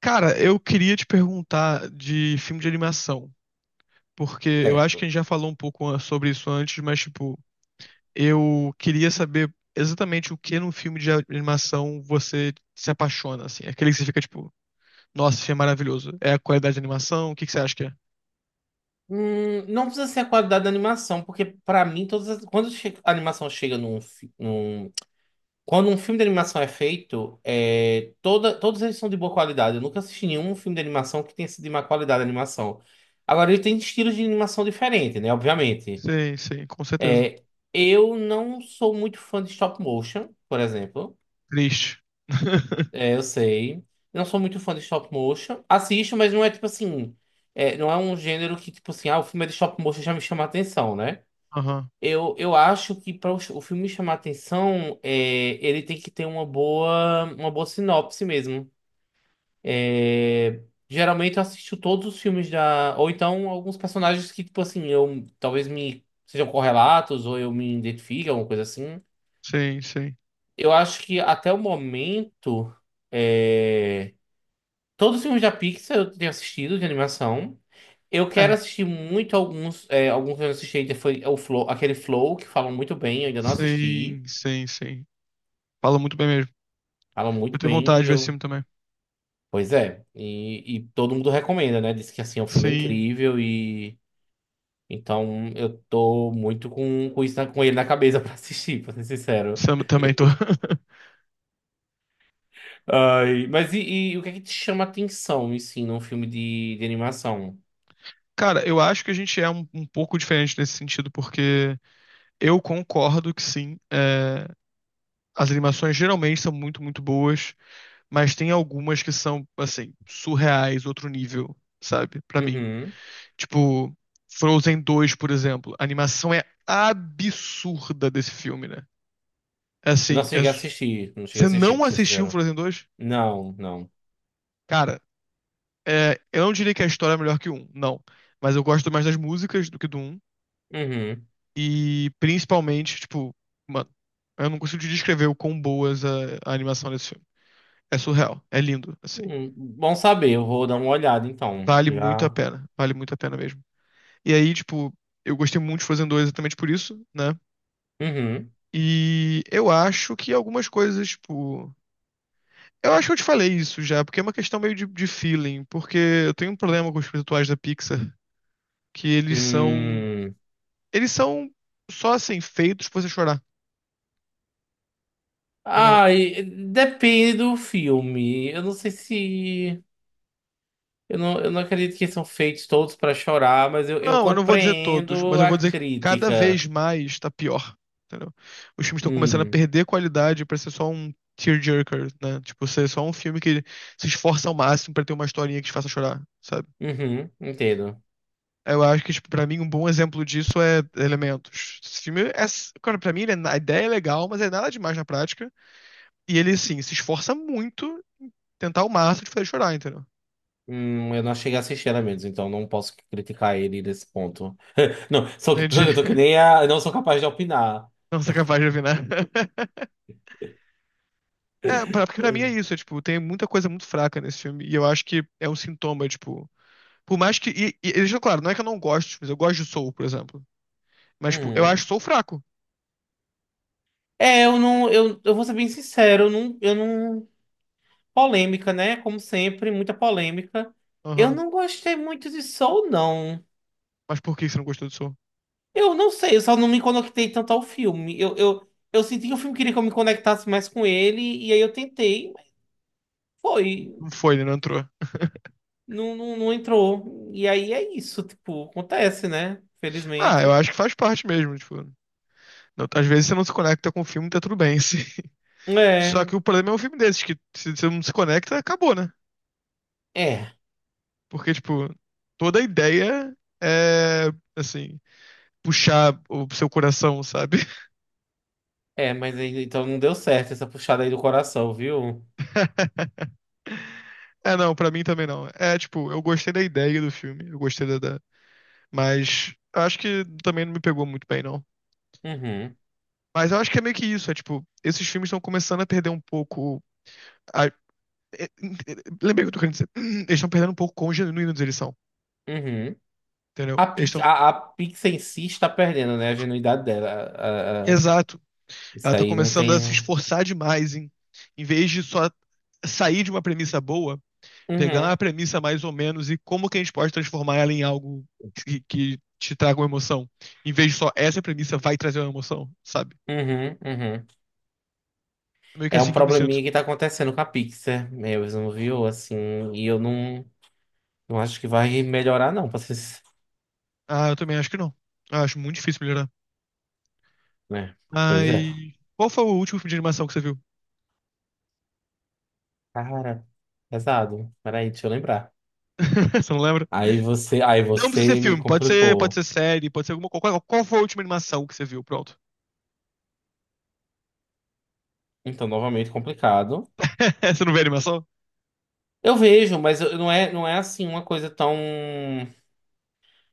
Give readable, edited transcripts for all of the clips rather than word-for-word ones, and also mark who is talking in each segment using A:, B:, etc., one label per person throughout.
A: Cara, eu queria te perguntar de filme de animação, porque eu acho que
B: Certo.
A: a gente já falou um pouco sobre isso antes, mas, tipo, eu queria saber exatamente o que num filme de animação você se apaixona, assim. Aquele que você fica, tipo, nossa, isso é maravilhoso. É a qualidade de animação? O que que você acha que é?
B: Não precisa ser a qualidade da animação, porque pra mim, quando che- a animação chega num, fi- num- quando um filme de animação é feito, todos eles são de boa qualidade. Eu nunca assisti nenhum filme de animação que tenha sido de má qualidade a animação. Agora, ele tem estilos de animação diferentes, né? Obviamente.
A: Sim, sim, com certeza.
B: É, eu não sou muito fã de stop motion, por exemplo.
A: Triste.
B: Eu sei. Não sou muito fã de stop motion. Assisto, mas não é tipo assim. Não é um gênero que, tipo assim, ah, o filme é de stop motion já me chama a atenção, né?
A: Aham,
B: Eu acho que para o filme chamar a atenção, ele tem que ter uma boa sinopse mesmo. É, Geralmente eu assisto todos os filmes da. Ou então alguns personagens que, tipo assim, eu talvez me sejam correlatos, ou eu me identifique, alguma coisa assim.
A: sim, sim.
B: Eu acho que até o momento. É... Todos os filmes da Pixar eu tenho assistido de animação. Eu quero
A: É,
B: assistir muito alguns. Alguns que eu não assisti ainda foi o Flow, aquele Flow que falam muito bem, eu ainda não assisti.
A: sim, sim, sim. Fala muito bem mesmo.
B: Falam muito
A: Eu tenho vontade
B: bem.
A: de ver esse filme também.
B: Pois é. E todo mundo recomenda, né? Diz que assim, o filme é
A: Sim,
B: incrível. Então eu tô muito com ele na cabeça pra assistir, pra ser sincero.
A: também tô.
B: Ai, mas e o que é que te chama a atenção, assim, num filme de animação?
A: Cara, eu acho que a gente é um pouco diferente nesse sentido, porque eu concordo que sim, é, as animações geralmente são muito, muito boas, mas tem algumas que são, assim, surreais, outro nível, sabe? Pra mim.
B: Uhum.
A: Tipo, Frozen dois, por exemplo. A animação é absurda desse filme, né? É
B: Eu não
A: assim, é
B: cheguei a assistir, não cheguei a
A: você
B: assistir,
A: não
B: pra ser
A: assistiu
B: sincero.
A: Frozen dois?
B: Não, não.
A: Cara, eu não diria que a história é melhor que o um, não. Mas eu gosto mais das músicas do que do um.
B: Uhum.
A: E principalmente, tipo, mano, eu não consigo te descrever o quão boas a animação desse filme. É surreal, é lindo, assim.
B: Bom saber, eu vou dar uma olhada então.
A: Vale muito a
B: Já.
A: pena, vale muito a pena mesmo. E aí, tipo, eu gostei muito de Frozen dois exatamente por isso, né?
B: Uhum.
A: E eu acho que algumas coisas, tipo. Eu acho que eu te falei isso já, porque é uma questão meio de feeling, porque eu tenho um problema com os filmes atuais da Pixar, que eles são.
B: Hum.
A: Eles são só assim, feitos pra você chorar. Entendeu?
B: Ai, depende do filme. Eu não sei se. Eu não acredito que são feitos todos para chorar, mas eu
A: Não, eu não vou dizer todos, mas
B: compreendo
A: eu
B: a
A: vou dizer que cada
B: crítica.
A: vez mais tá pior, entendeu? Os filmes estão começando a
B: Hum.
A: perder qualidade pra ser só um tearjerker, né? Tipo, ser só um filme que se esforça ao máximo pra ter uma historinha que te faça chorar, sabe?
B: Uhum, entendo.
A: Eu acho que, tipo, pra mim, um bom exemplo disso é Elementos. Esse filme é... Cara, pra mim, a ideia é legal, mas é nada demais na prática. E ele, assim, se esforça muito tentar ao máximo de fazer chorar, entendeu?
B: Eu não cheguei a assistir a menos, então não posso criticar ele nesse ponto. Não,
A: Entendi.
B: eu tô que nem a. Eu não sou capaz de opinar.
A: Não sou capaz de opinar. É, porque pra mim é isso, é, tipo, tem muita coisa muito fraca nesse filme, e eu acho que é um sintoma, tipo, por mais que, e deixa claro, não é que eu não gosto, de filmes, eu gosto de Soul, por exemplo, mas, tipo, eu
B: Uhum.
A: acho Soul fraco.
B: Eu não, eu vou ser bem sincero, eu não, polêmica, né? Como sempre, muita polêmica. Eu
A: Aham.
B: não gostei muito de Soul, não.
A: Mas por que você não gostou de Soul?
B: Eu não sei, eu só não me conectei tanto ao filme. Eu senti que o filme queria que eu me conectasse mais com ele, e aí eu tentei, mas foi,
A: Não foi, né, não entrou.
B: não, não, não entrou. E aí é isso, tipo, acontece, né?
A: Ah, eu
B: Felizmente.
A: acho que faz parte mesmo, tipo, às vezes você não se conecta com o filme, tá tudo bem, sim. Só
B: É,
A: que o problema é um filme desses, que se você não se conecta, acabou, né?
B: é,
A: Porque, tipo, toda a ideia é, assim, puxar o seu coração, sabe?
B: é, mas aí, então não deu certo essa puxada aí do coração, viu?
A: É, não, pra mim também não. É, tipo, eu gostei da ideia do filme, eu gostei da. Mas acho que também não me pegou muito bem, não.
B: Uhum,
A: Mas eu acho que é meio que isso, é tipo, esses filmes estão começando a perder um pouco. A... é, é, é, Lembrei o que eu tô querendo dizer. Eles estão perdendo um pouco quão genuínos eles são,
B: uhum.
A: entendeu?
B: A,
A: Eles
B: Pi-
A: estão.
B: a, a Pixar em si está perdendo, né? A genuidade dela.
A: Exato. Ela
B: Isso
A: tá
B: aí não
A: começando a
B: tem.
A: se esforçar demais em vez de só sair de uma premissa boa, pegando a
B: Uhum,
A: premissa mais ou menos e como que a gente pode transformar ela em algo que te traga uma emoção, em vez de só essa premissa vai trazer uma emoção, sabe?
B: uhum, uhum.
A: É meio que
B: É um
A: assim que eu me sinto.
B: probleminha que tá acontecendo com a Pixar mesmo, viu? Assim, e eu não acho que vai melhorar, não, pra vocês.
A: Ah, eu também acho que não. Eu acho muito difícil melhorar.
B: Né? Pois é.
A: Mas qual foi o último filme de animação que você viu?
B: Cara, pesado. Peraí, deixa eu lembrar.
A: Você não lembra?
B: Aí você, aí
A: Não precisa ser
B: você me
A: filme, pode
B: complicou.
A: ser série, pode ser alguma coisa. Qual, qual foi a última animação que você viu? Pronto.
B: Então, novamente complicado.
A: Você não vê animação?
B: Eu vejo, mas não é assim uma coisa tão.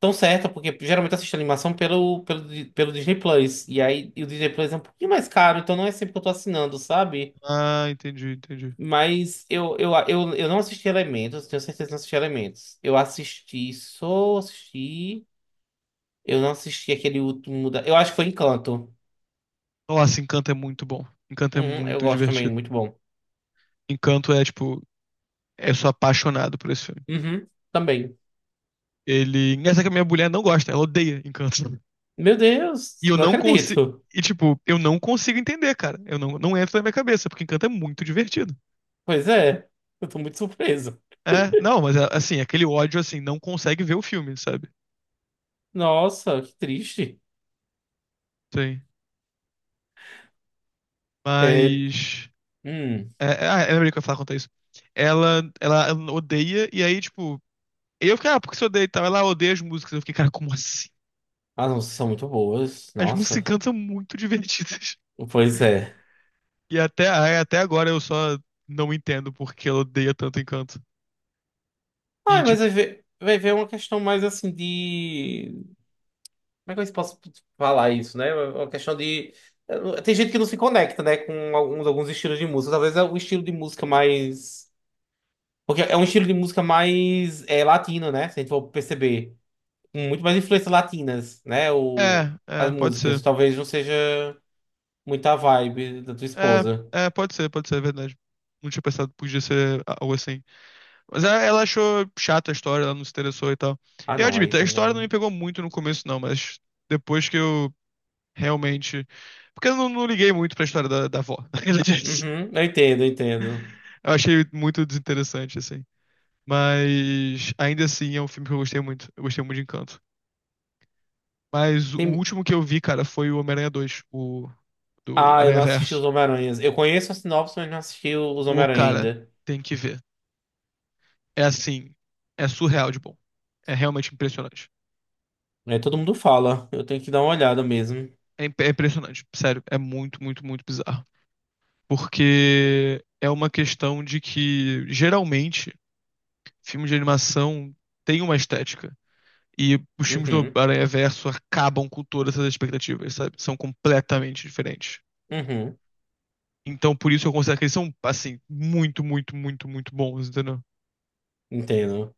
B: tão certa, porque geralmente eu assisto animação pelo Disney Plus. E aí o Disney Plus é um pouquinho mais caro, então não é sempre que eu tô assinando, sabe?
A: Ah, entendi, entendi.
B: Mas eu não assisti Elementos, tenho certeza que não assisti Elementos. Eu assisti, só assisti. Eu não assisti aquele último da. Eu acho que foi Encanto.
A: Nossa, Encanto é muito bom. Encanto é
B: Uhum, eu
A: muito
B: gosto também,
A: divertido.
B: muito bom.
A: Encanto é, tipo, é, eu sou apaixonado por esse filme.
B: Uhum, também.
A: Ele. Engraçado que a minha mulher não gosta, ela odeia Encanto.
B: Meu
A: E
B: Deus,
A: eu
B: não
A: não consigo.
B: acredito.
A: E, tipo, eu não consigo entender, cara. Eu não, não entra na minha cabeça, porque Encanto é muito divertido.
B: Pois é, eu tô muito surpreso.
A: É, não, mas é, assim, aquele ódio, assim, não consegue ver o filme, sabe?
B: Nossa, que triste.
A: Sim.
B: É,
A: Mas.
B: hum,
A: É, é, ah, eu lembrei que eu ia falar quanto a isso. Ela odeia, e aí, tipo. Eu fiquei, ah, porque você odeia e tal. Ela odeia as músicas. Eu fiquei, cara, como assim?
B: as nossas são muito boas.
A: As músicas
B: Nossa.
A: Encanto são muito divertidas.
B: Pois é.
A: E até, aí, até agora eu só não entendo porque ela odeia tanto Encanto.
B: Ah,
A: E,
B: mas
A: tipo,
B: vai ver uma questão mais assim de. Como é que eu posso falar isso, né? Uma questão de. Tem gente que não se conecta, né, com alguns estilos de música. Talvez é o estilo de música mais. Porque é um estilo de música mais latino, né? Se a gente for perceber. Com muito mais influências latinas, né?
A: é,
B: As
A: é, pode
B: músicas.
A: ser.
B: Talvez não seja muita vibe da tua
A: É,
B: esposa.
A: é, pode ser, é verdade. Não tinha pensado que podia ser algo assim. Mas ela achou chata a história, ela não se interessou e tal.
B: Ah,
A: Eu
B: não, aí
A: admito, a história não me
B: também.
A: pegou muito no começo, não, mas depois que eu realmente. Porque eu não liguei muito pra história da avó. Na realidade. É isso.
B: Uhum, eu entendo, eu entendo.
A: Eu achei muito desinteressante, assim. Mas ainda assim é um filme que eu gostei muito. Eu gostei muito de Encanto. Mas o último que eu vi, cara, foi o Homem-Aranha 2, o do
B: Ah, eu não assisti
A: Aranhaverso.
B: os Homem-Aranhas. Eu conheço a sinopse, mas não assisti os
A: Pô,
B: Homem-Aranha
A: cara,
B: ainda.
A: tem que ver. É assim, é surreal de bom. É realmente impressionante.
B: Todo mundo fala. Eu tenho que dar uma olhada mesmo.
A: É impressionante, sério. É muito, muito, muito bizarro. Porque é uma questão de que, geralmente, filmes de animação têm uma estética. E os filmes do
B: Uhum,
A: Aranhaverso acabam com todas essas expectativas, sabe? São completamente diferentes.
B: uhum,
A: Então, por isso eu considero que eles são, assim, muito, muito, muito, muito bons, entendeu?
B: entendo.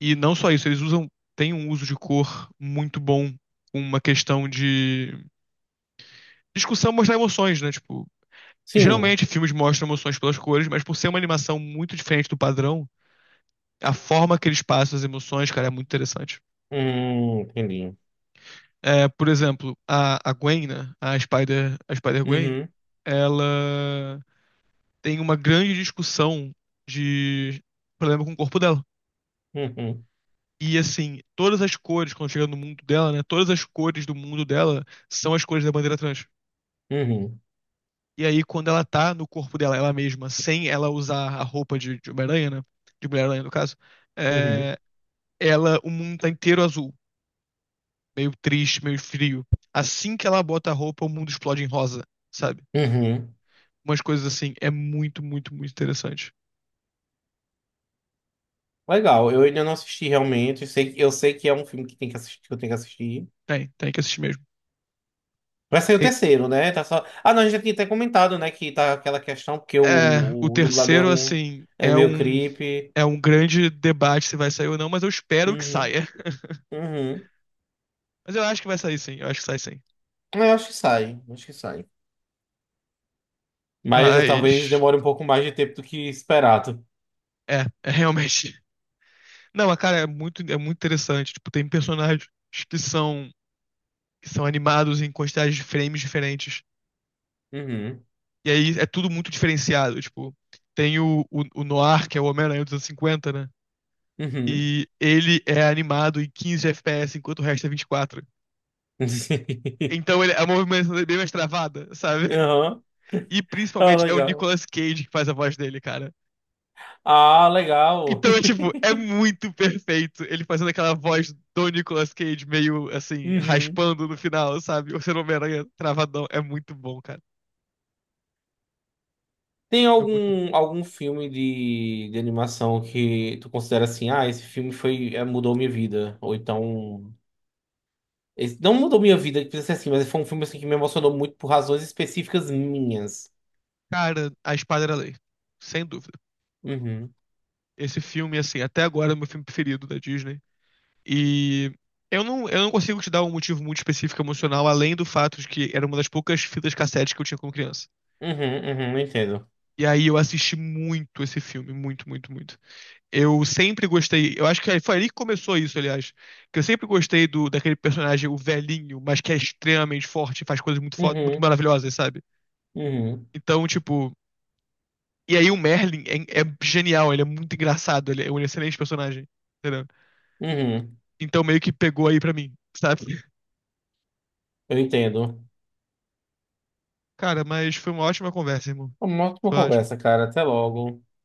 A: E não só isso, eles usam, têm um uso de cor muito bom, uma questão de discussão mostrar emoções, né? Tipo,
B: Sim.
A: geralmente filmes mostram emoções pelas cores, mas por ser uma animação muito diferente do padrão, a forma que eles passam as emoções, cara, é muito interessante.
B: Entendi.
A: É, por exemplo, a Gwen, né? A Spider Gwen,
B: Uhum,
A: ela tem uma grande discussão de problema com o corpo dela.
B: uhum,
A: E assim, todas as cores, quando chega no mundo dela, né? Todas as cores do mundo dela são as cores da bandeira trans.
B: uhum,
A: E aí, quando ela tá no corpo dela, ela mesma, sem ela usar a roupa de Homem-Aranha, né? De Mulher-Aranha, no caso,
B: uhum,
A: é, ela, o mundo tá inteiro azul, meio triste, meio frio. Assim que ela bota a roupa, o mundo explode em rosa, sabe?
B: uhum.
A: Umas coisas assim. É muito, muito, muito interessante.
B: Legal, eu ainda não assisti realmente. Sei, eu sei que é um filme que tem que assistir, que eu tenho que assistir.
A: Tem que assistir mesmo.
B: Vai sair o
A: E,
B: terceiro, né? Ah, não, a gente já tinha até comentado, né? Que tá aquela questão, porque
A: é, o
B: o dublador
A: terceiro, assim,
B: é
A: é
B: meio
A: um,
B: creepy.
A: é um grande debate se vai sair ou não, mas eu espero que
B: Uhum,
A: saia.
B: uhum.
A: Mas eu acho que vai sair sim, eu acho que sai sim.
B: Eu acho que sai, acho que sai. Mas talvez
A: Mas.
B: demore um pouco mais de tempo do que esperado.
A: É, é realmente. Não, mas, cara, é muito interessante. Tipo, tem personagens que são, que são animados em quantidades de frames diferentes.
B: Uhum,
A: E aí é tudo muito diferenciado. Tipo, tem o Noir, que é o Homem-Aranha dos anos 50, né?
B: uhum.
A: E ele é animado em 15 FPS, enquanto o resto é 24. Então ele, a movimentação dele é bem mais travada, sabe?
B: Aham.
A: E
B: Ah,
A: principalmente é o
B: legal.
A: Nicolas Cage que faz a voz dele, cara.
B: Ah, legal.
A: Então, é tipo, é muito perfeito ele fazendo aquela voz do Nicolas Cage meio assim,
B: Uhum.
A: raspando no final, sabe? O ser Homem-Aranha travadão. É muito bom, cara.
B: Tem
A: É muito bom.
B: algum filme de animação que tu considera assim, ah, esse filme mudou minha vida? Ou então, esse, não mudou minha vida, que precisa ser assim, mas foi um filme assim, que me emocionou muito por razões específicas minhas.
A: Cara, a espada era a lei. Sem dúvida.
B: Uhum,
A: Esse filme, assim, até agora é o meu filme preferido da Disney. E eu não consigo te dar um motivo muito específico emocional, além do fato de que era uma das poucas fitas cassete que eu tinha como criança.
B: uhum, uhum, entendo.
A: E aí eu assisti muito esse filme, muito, muito, muito. Eu sempre gostei. Eu acho que foi ali que começou isso, aliás. Que eu sempre gostei do daquele personagem, o velhinho, mas que é extremamente forte, e faz coisas muito, muito
B: Uhum,
A: maravilhosas, sabe?
B: uhum.
A: Então, tipo. E aí o Merlin é genial, ele é muito engraçado, ele é um excelente personagem. Entendeu?
B: Uhum,
A: Então meio que pegou aí pra mim, sabe?
B: eu entendo.
A: Cara, mas foi uma ótima conversa, irmão.
B: Uma ótima
A: Foi ótimo.
B: conversa, cara. Até logo.